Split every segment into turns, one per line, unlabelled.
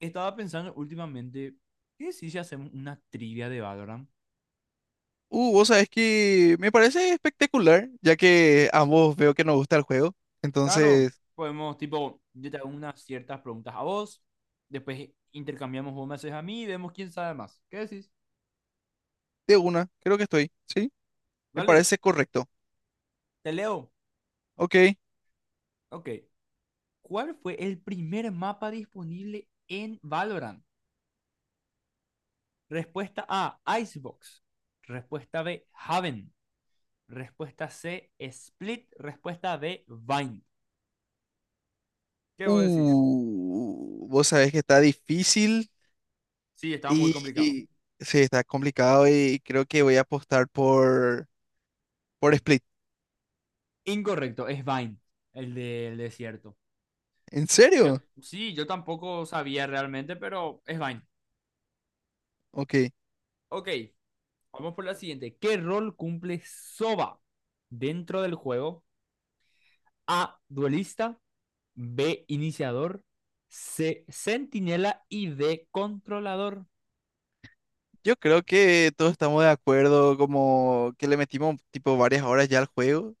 Estaba pensando últimamente, ¿qué si hacemos una trivia de Valorant?
Vos sabés que me parece espectacular, ya que ambos veo que nos gusta el juego.
Claro,
Entonces,
podemos, tipo, yo te hago unas ciertas preguntas a vos, después intercambiamos, vos me haces a mí y vemos quién sabe más. ¿Qué decís?
de una, creo que estoy, ¿sí? Me
Vale,
parece correcto.
te leo.
Ok.
Ok. ¿Cuál fue el primer mapa disponible en Valorant? Respuesta A, Icebox. Respuesta B, Haven. Respuesta C, Split. Respuesta D, Vine. ¿Qué vos decís?
Vos sabés que está difícil
Sí, estaba muy
y,
complicado.
y- sí, está complicado y creo que voy a apostar por Split.
Incorrecto, es Vine, el del desierto.
¿En
Yo,
serio?
sí, yo tampoco sabía realmente, pero es Vine.
Ok.
Ok, vamos por la siguiente. ¿Qué rol cumple Soba dentro del juego? A, duelista, B, iniciador, C, centinela y D, controlador.
Yo creo que todos estamos de acuerdo, como que le metimos tipo varias horas ya al juego.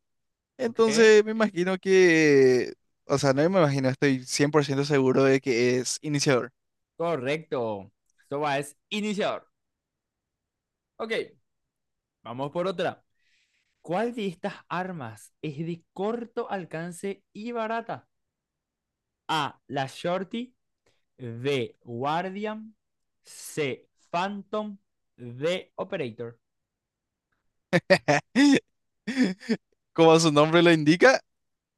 Ok,
Entonces me imagino que, o sea, no me imagino, estoy 100% seguro de que es iniciador.
correcto. Soba es iniciador. Ok, vamos por otra. ¿Cuál de estas armas es de corto alcance y barata? A, la shorty, D. Guardian. C. Phantom. D. Operator.
Como su nombre lo indica,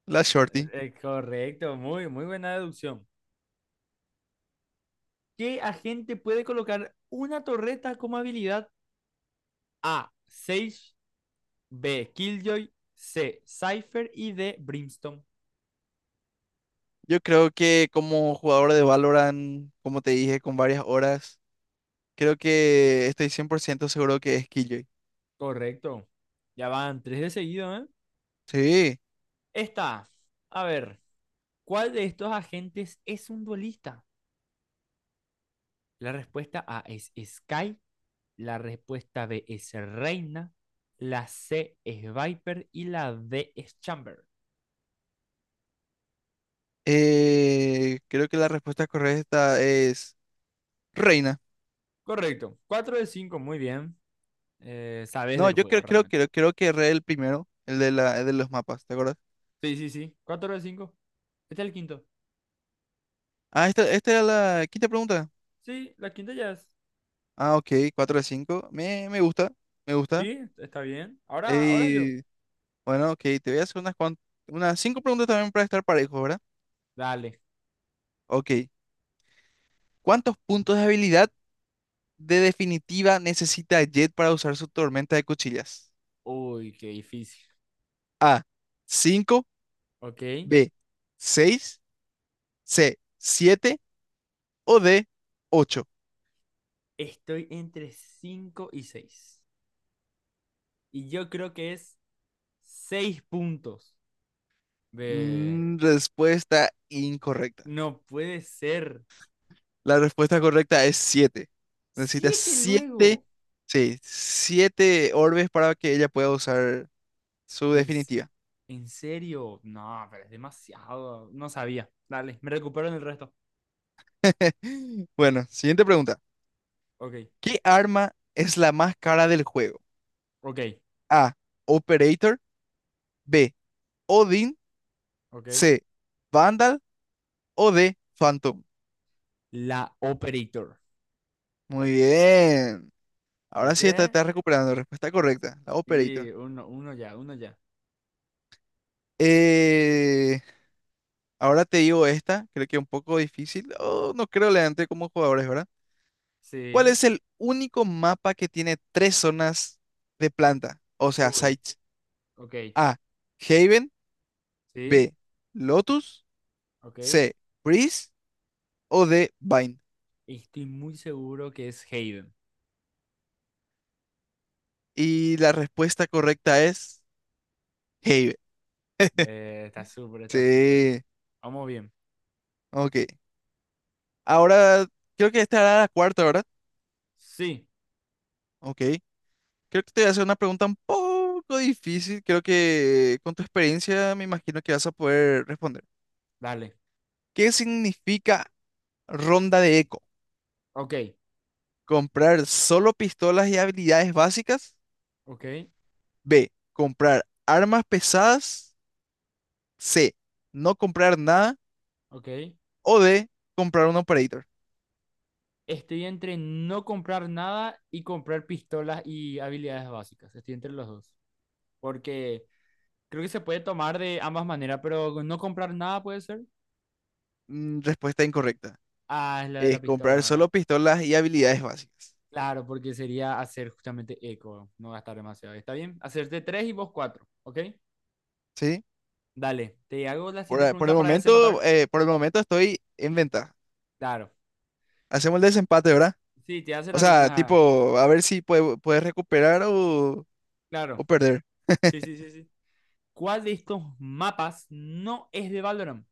la Shorty.
Correcto, muy, muy buena deducción. ¿Qué agente puede colocar una torreta como habilidad? A. Sage. B. Killjoy. C. Cypher. Y D. Brimstone.
Yo creo que como jugador de Valorant, como te dije, con varias horas, creo que estoy 100% seguro que es Killjoy.
Correcto. Ya van tres de seguido, ¿eh?
Sí,
Esta. A ver. ¿Cuál de estos agentes es un duelista? La respuesta A es Sky. La respuesta B es reina. La C es Viper y la D es Chamber.
creo que la respuesta correcta es Reina.
Correcto. Cuatro de 5, muy bien. Sabes
No,
del
yo
juego
creo, creo,
realmente.
creo, creo que Re el primero, el de los mapas, ¿te acuerdas?
Sí, sí, sí. Cuatro de 5. Este es el quinto.
Ah, esta era la quinta pregunta.
Sí, la quinta ya es.
Ah, ok, 4 de 5. Me gusta, me gusta.
Sí, está bien. Ahora, ahora yo.
Eh, bueno, ok, te voy a hacer unas 5 preguntas también para estar parejo, ¿verdad?
Dale.
Ok. ¿Cuántos puntos de habilidad de definitiva necesita Jet para usar su tormenta de cuchillas?
Uy, qué difícil.
A, 5.
Ok.
B, 6. C, 7. O D, ocho.
Estoy entre 5 y seis. Y yo creo que es 6 puntos de...
Respuesta incorrecta.
No puede ser.
La respuesta correcta es siete. Necesitas
Siete
siete,
luego.
sí, 7 orbes para que ella pueda usar su
¿En,
definitiva.
en serio? No, pero es demasiado. No sabía. Dale, me recupero en el resto.
Bueno, siguiente pregunta.
Ok,
¿Qué arma es la más cara del juego?
ok,
A. Operator. B. Odin.
ok.
C. Vandal. O D. Phantom.
La Operator.
Muy bien. Ahora sí está,
¿Viste?
está recuperando. Respuesta correcta. La Operator.
Y uno, uno ya, uno ya.
Eh, Ahora te digo esta. Creo que es un poco difícil. Oh, no creo leante como jugadores, ¿verdad? ¿Cuál
Sí.
es el único mapa que tiene tres zonas de planta? O sea,
Uy,
sites.
ok.
A. Haven.
Sí,
B. Lotus.
ok.
C. Breeze. O D. Vine.
Estoy muy seguro que es Hayden.
Y la respuesta correcta es Haven.
Está súper, está súper.
Sí.
Vamos bien.
Ok. Ahora, creo que esta era la cuarta, ¿verdad?
Sí,
Ok. Creo que te voy a hacer una pregunta un poco difícil. Creo que con tu experiencia me imagino que vas a poder responder.
dale.
¿Qué significa ronda de eco?
Ok,
Comprar solo pistolas y habilidades básicas.
ok,
B. Comprar armas pesadas. C. No comprar nada.
ok.
O D. Comprar un operator.
Estoy entre no comprar nada y comprar pistolas y habilidades básicas. Estoy entre los dos. Porque creo que se puede tomar de ambas maneras, pero no comprar nada puede ser.
Respuesta incorrecta.
Ah, es la de la
Es comprar
pistola, ¿verdad?
solo pistolas y habilidades básicas.
Claro, porque sería hacer justamente eco, no gastar demasiado. ¿Está bien? Hacerte tres y vos cuatro, ¿ok?
¿Sí?
Dale, te hago la
Por,
siguiente
a- por
pregunta
el
para
momento,
desempatar.
estoy en ventaja.
Claro.
Hacemos el desempate, ¿verdad?
Sí, te voy a hacer
O sea,
algunas.
tipo, a ver si puedes recuperar o,
Claro.
o perder.
Sí, sí, sí, sí. ¿Cuál de estos mapas no es de Valorant?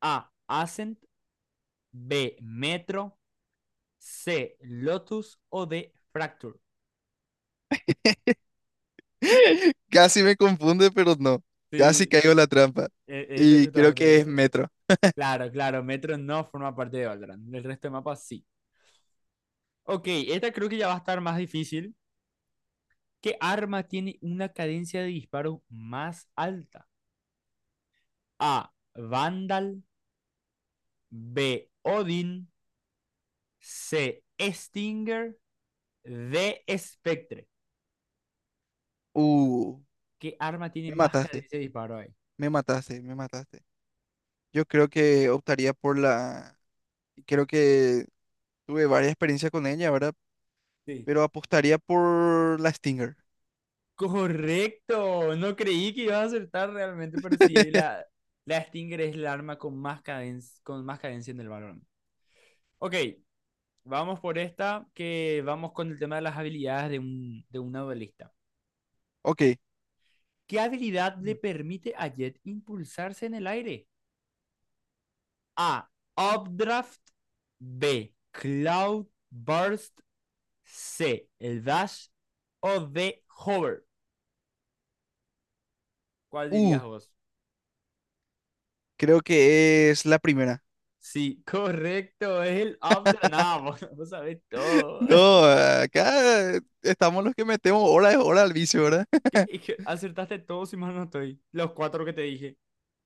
A. Ascent. B. Metro. C. Lotus o D. Fracture.
Casi me confunde, pero no. Casi
Sí,
caigo en la trampa.
ese
Y creo que
justamente.
es Metro.
Claro, claro, Metro no forma parte de Valorant. El resto de mapas sí. Ok, esta creo que ya va a estar más difícil. ¿Qué arma tiene una cadencia de disparo más alta? A. Vandal. B. Odin. C. Stinger. D. Spectre.
Uh,
¿Qué arma tiene
Me
más
mataste,
cadencia de disparo ahí?
me mataste, me mataste. Yo creo que optaría por la... Creo que tuve varias experiencias con ella, ¿verdad?
Sí.
Pero apostaría por la Stinger.
Correcto, no creí que ibas a acertar realmente, pero sí, la, la Stinger es el arma con más cadencia en el balón. Ok, vamos por esta, que vamos con el tema de las habilidades de un, de una duelista.
Ok.
¿Qué habilidad le
Ujú.
permite a Jet impulsarse en el aire? A. Updraft. B. Cloud Burst. C. El Dash. O D. Hover. ¿Cuál
Uh,
dirías vos?
Creo que es la primera.
Sí, correcto, es el up de nada, vos, vos sabés todo.
No, acá estamos los que metemos hora de hora al vicio, ¿verdad?
Es que acertaste todo si mal no estoy. Los cuatro que te dije.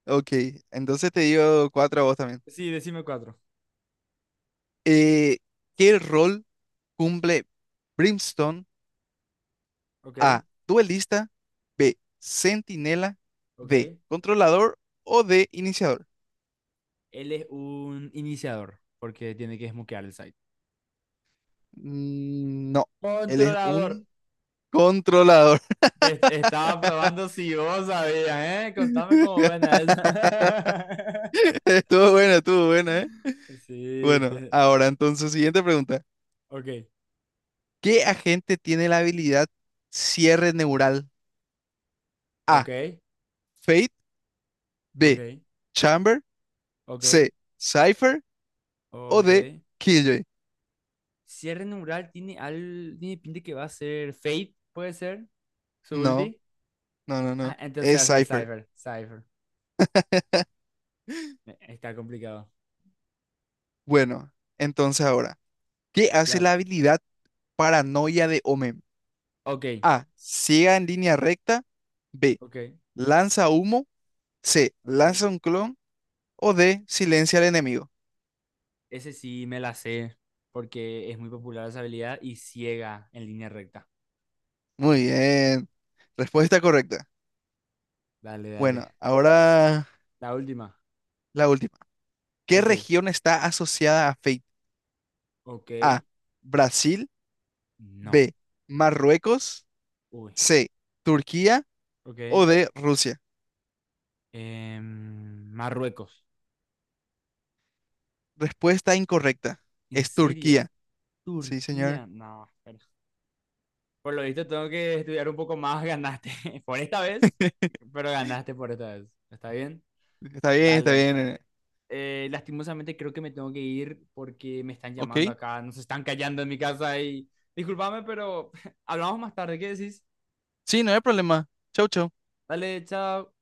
Ok, entonces te digo cuatro a vos también.
Sí, decime cuatro.
Eh, ¿Qué rol cumple Brimstone?
Ok,
A. Duelista. B. Centinela.
ok.
D. Controlador O D. Iniciador.
Él es un iniciador, porque tiene que smokear el site.
No, él es
Controlador.
un controlador.
Te estaba probando si vos sabías, ¿eh? Contame cómo buena es.
Estuvo buena, ¿eh?
Sí,
Bueno,
te...
ahora entonces, siguiente pregunta.
Ok,
¿Qué agente tiene la habilidad cierre neural? A.
ok,
Fate.
ok,
B. Chamber.
ok,
C. Cypher. O
ok.
D. Killjoy.
Cierre neural tiene, al, tiene pinta que va a ser Fate, puede ser, su
No,
ulti.
no, no, no.
Ah, entonces va
Es
a ser
Cypher.
Cypher, Cypher. Está complicado.
Bueno, entonces ahora, ¿qué hace la
Claro.
habilidad? Paranoia de Omen.
Ok,
A. Ciega en línea recta. B.
ok,
Lanza humo. C.
ok.
Lanza un clon. O D. Silencia al enemigo.
Ese sí me la sé, porque es muy popular esa habilidad y ciega en línea recta.
Muy bien. Respuesta correcta.
Dale,
Bueno,
dale.
ahora
La última.
la última. ¿Qué
Ok,
región está asociada a Fate?
ok.
A. Brasil.
No.
B. Marruecos.
Uy,
C. Turquía. O
ok.
D. Rusia.
Marruecos.
Respuesta incorrecta.
¿En
Es
serio?
Turquía. Sí, señor.
Turquía. No, espera. Por lo visto tengo que estudiar un poco más, ganaste por esta vez, pero ganaste por esta vez. ¿Está bien?
Está bien, está
Dale.
bien.
Lastimosamente creo que me tengo que ir porque me están llamando
Ok.
acá, nos están callando en mi casa y discúlpame, pero hablamos más tarde, ¿qué decís?
Sí, no hay problema. Chau, chau.
Dale, chao.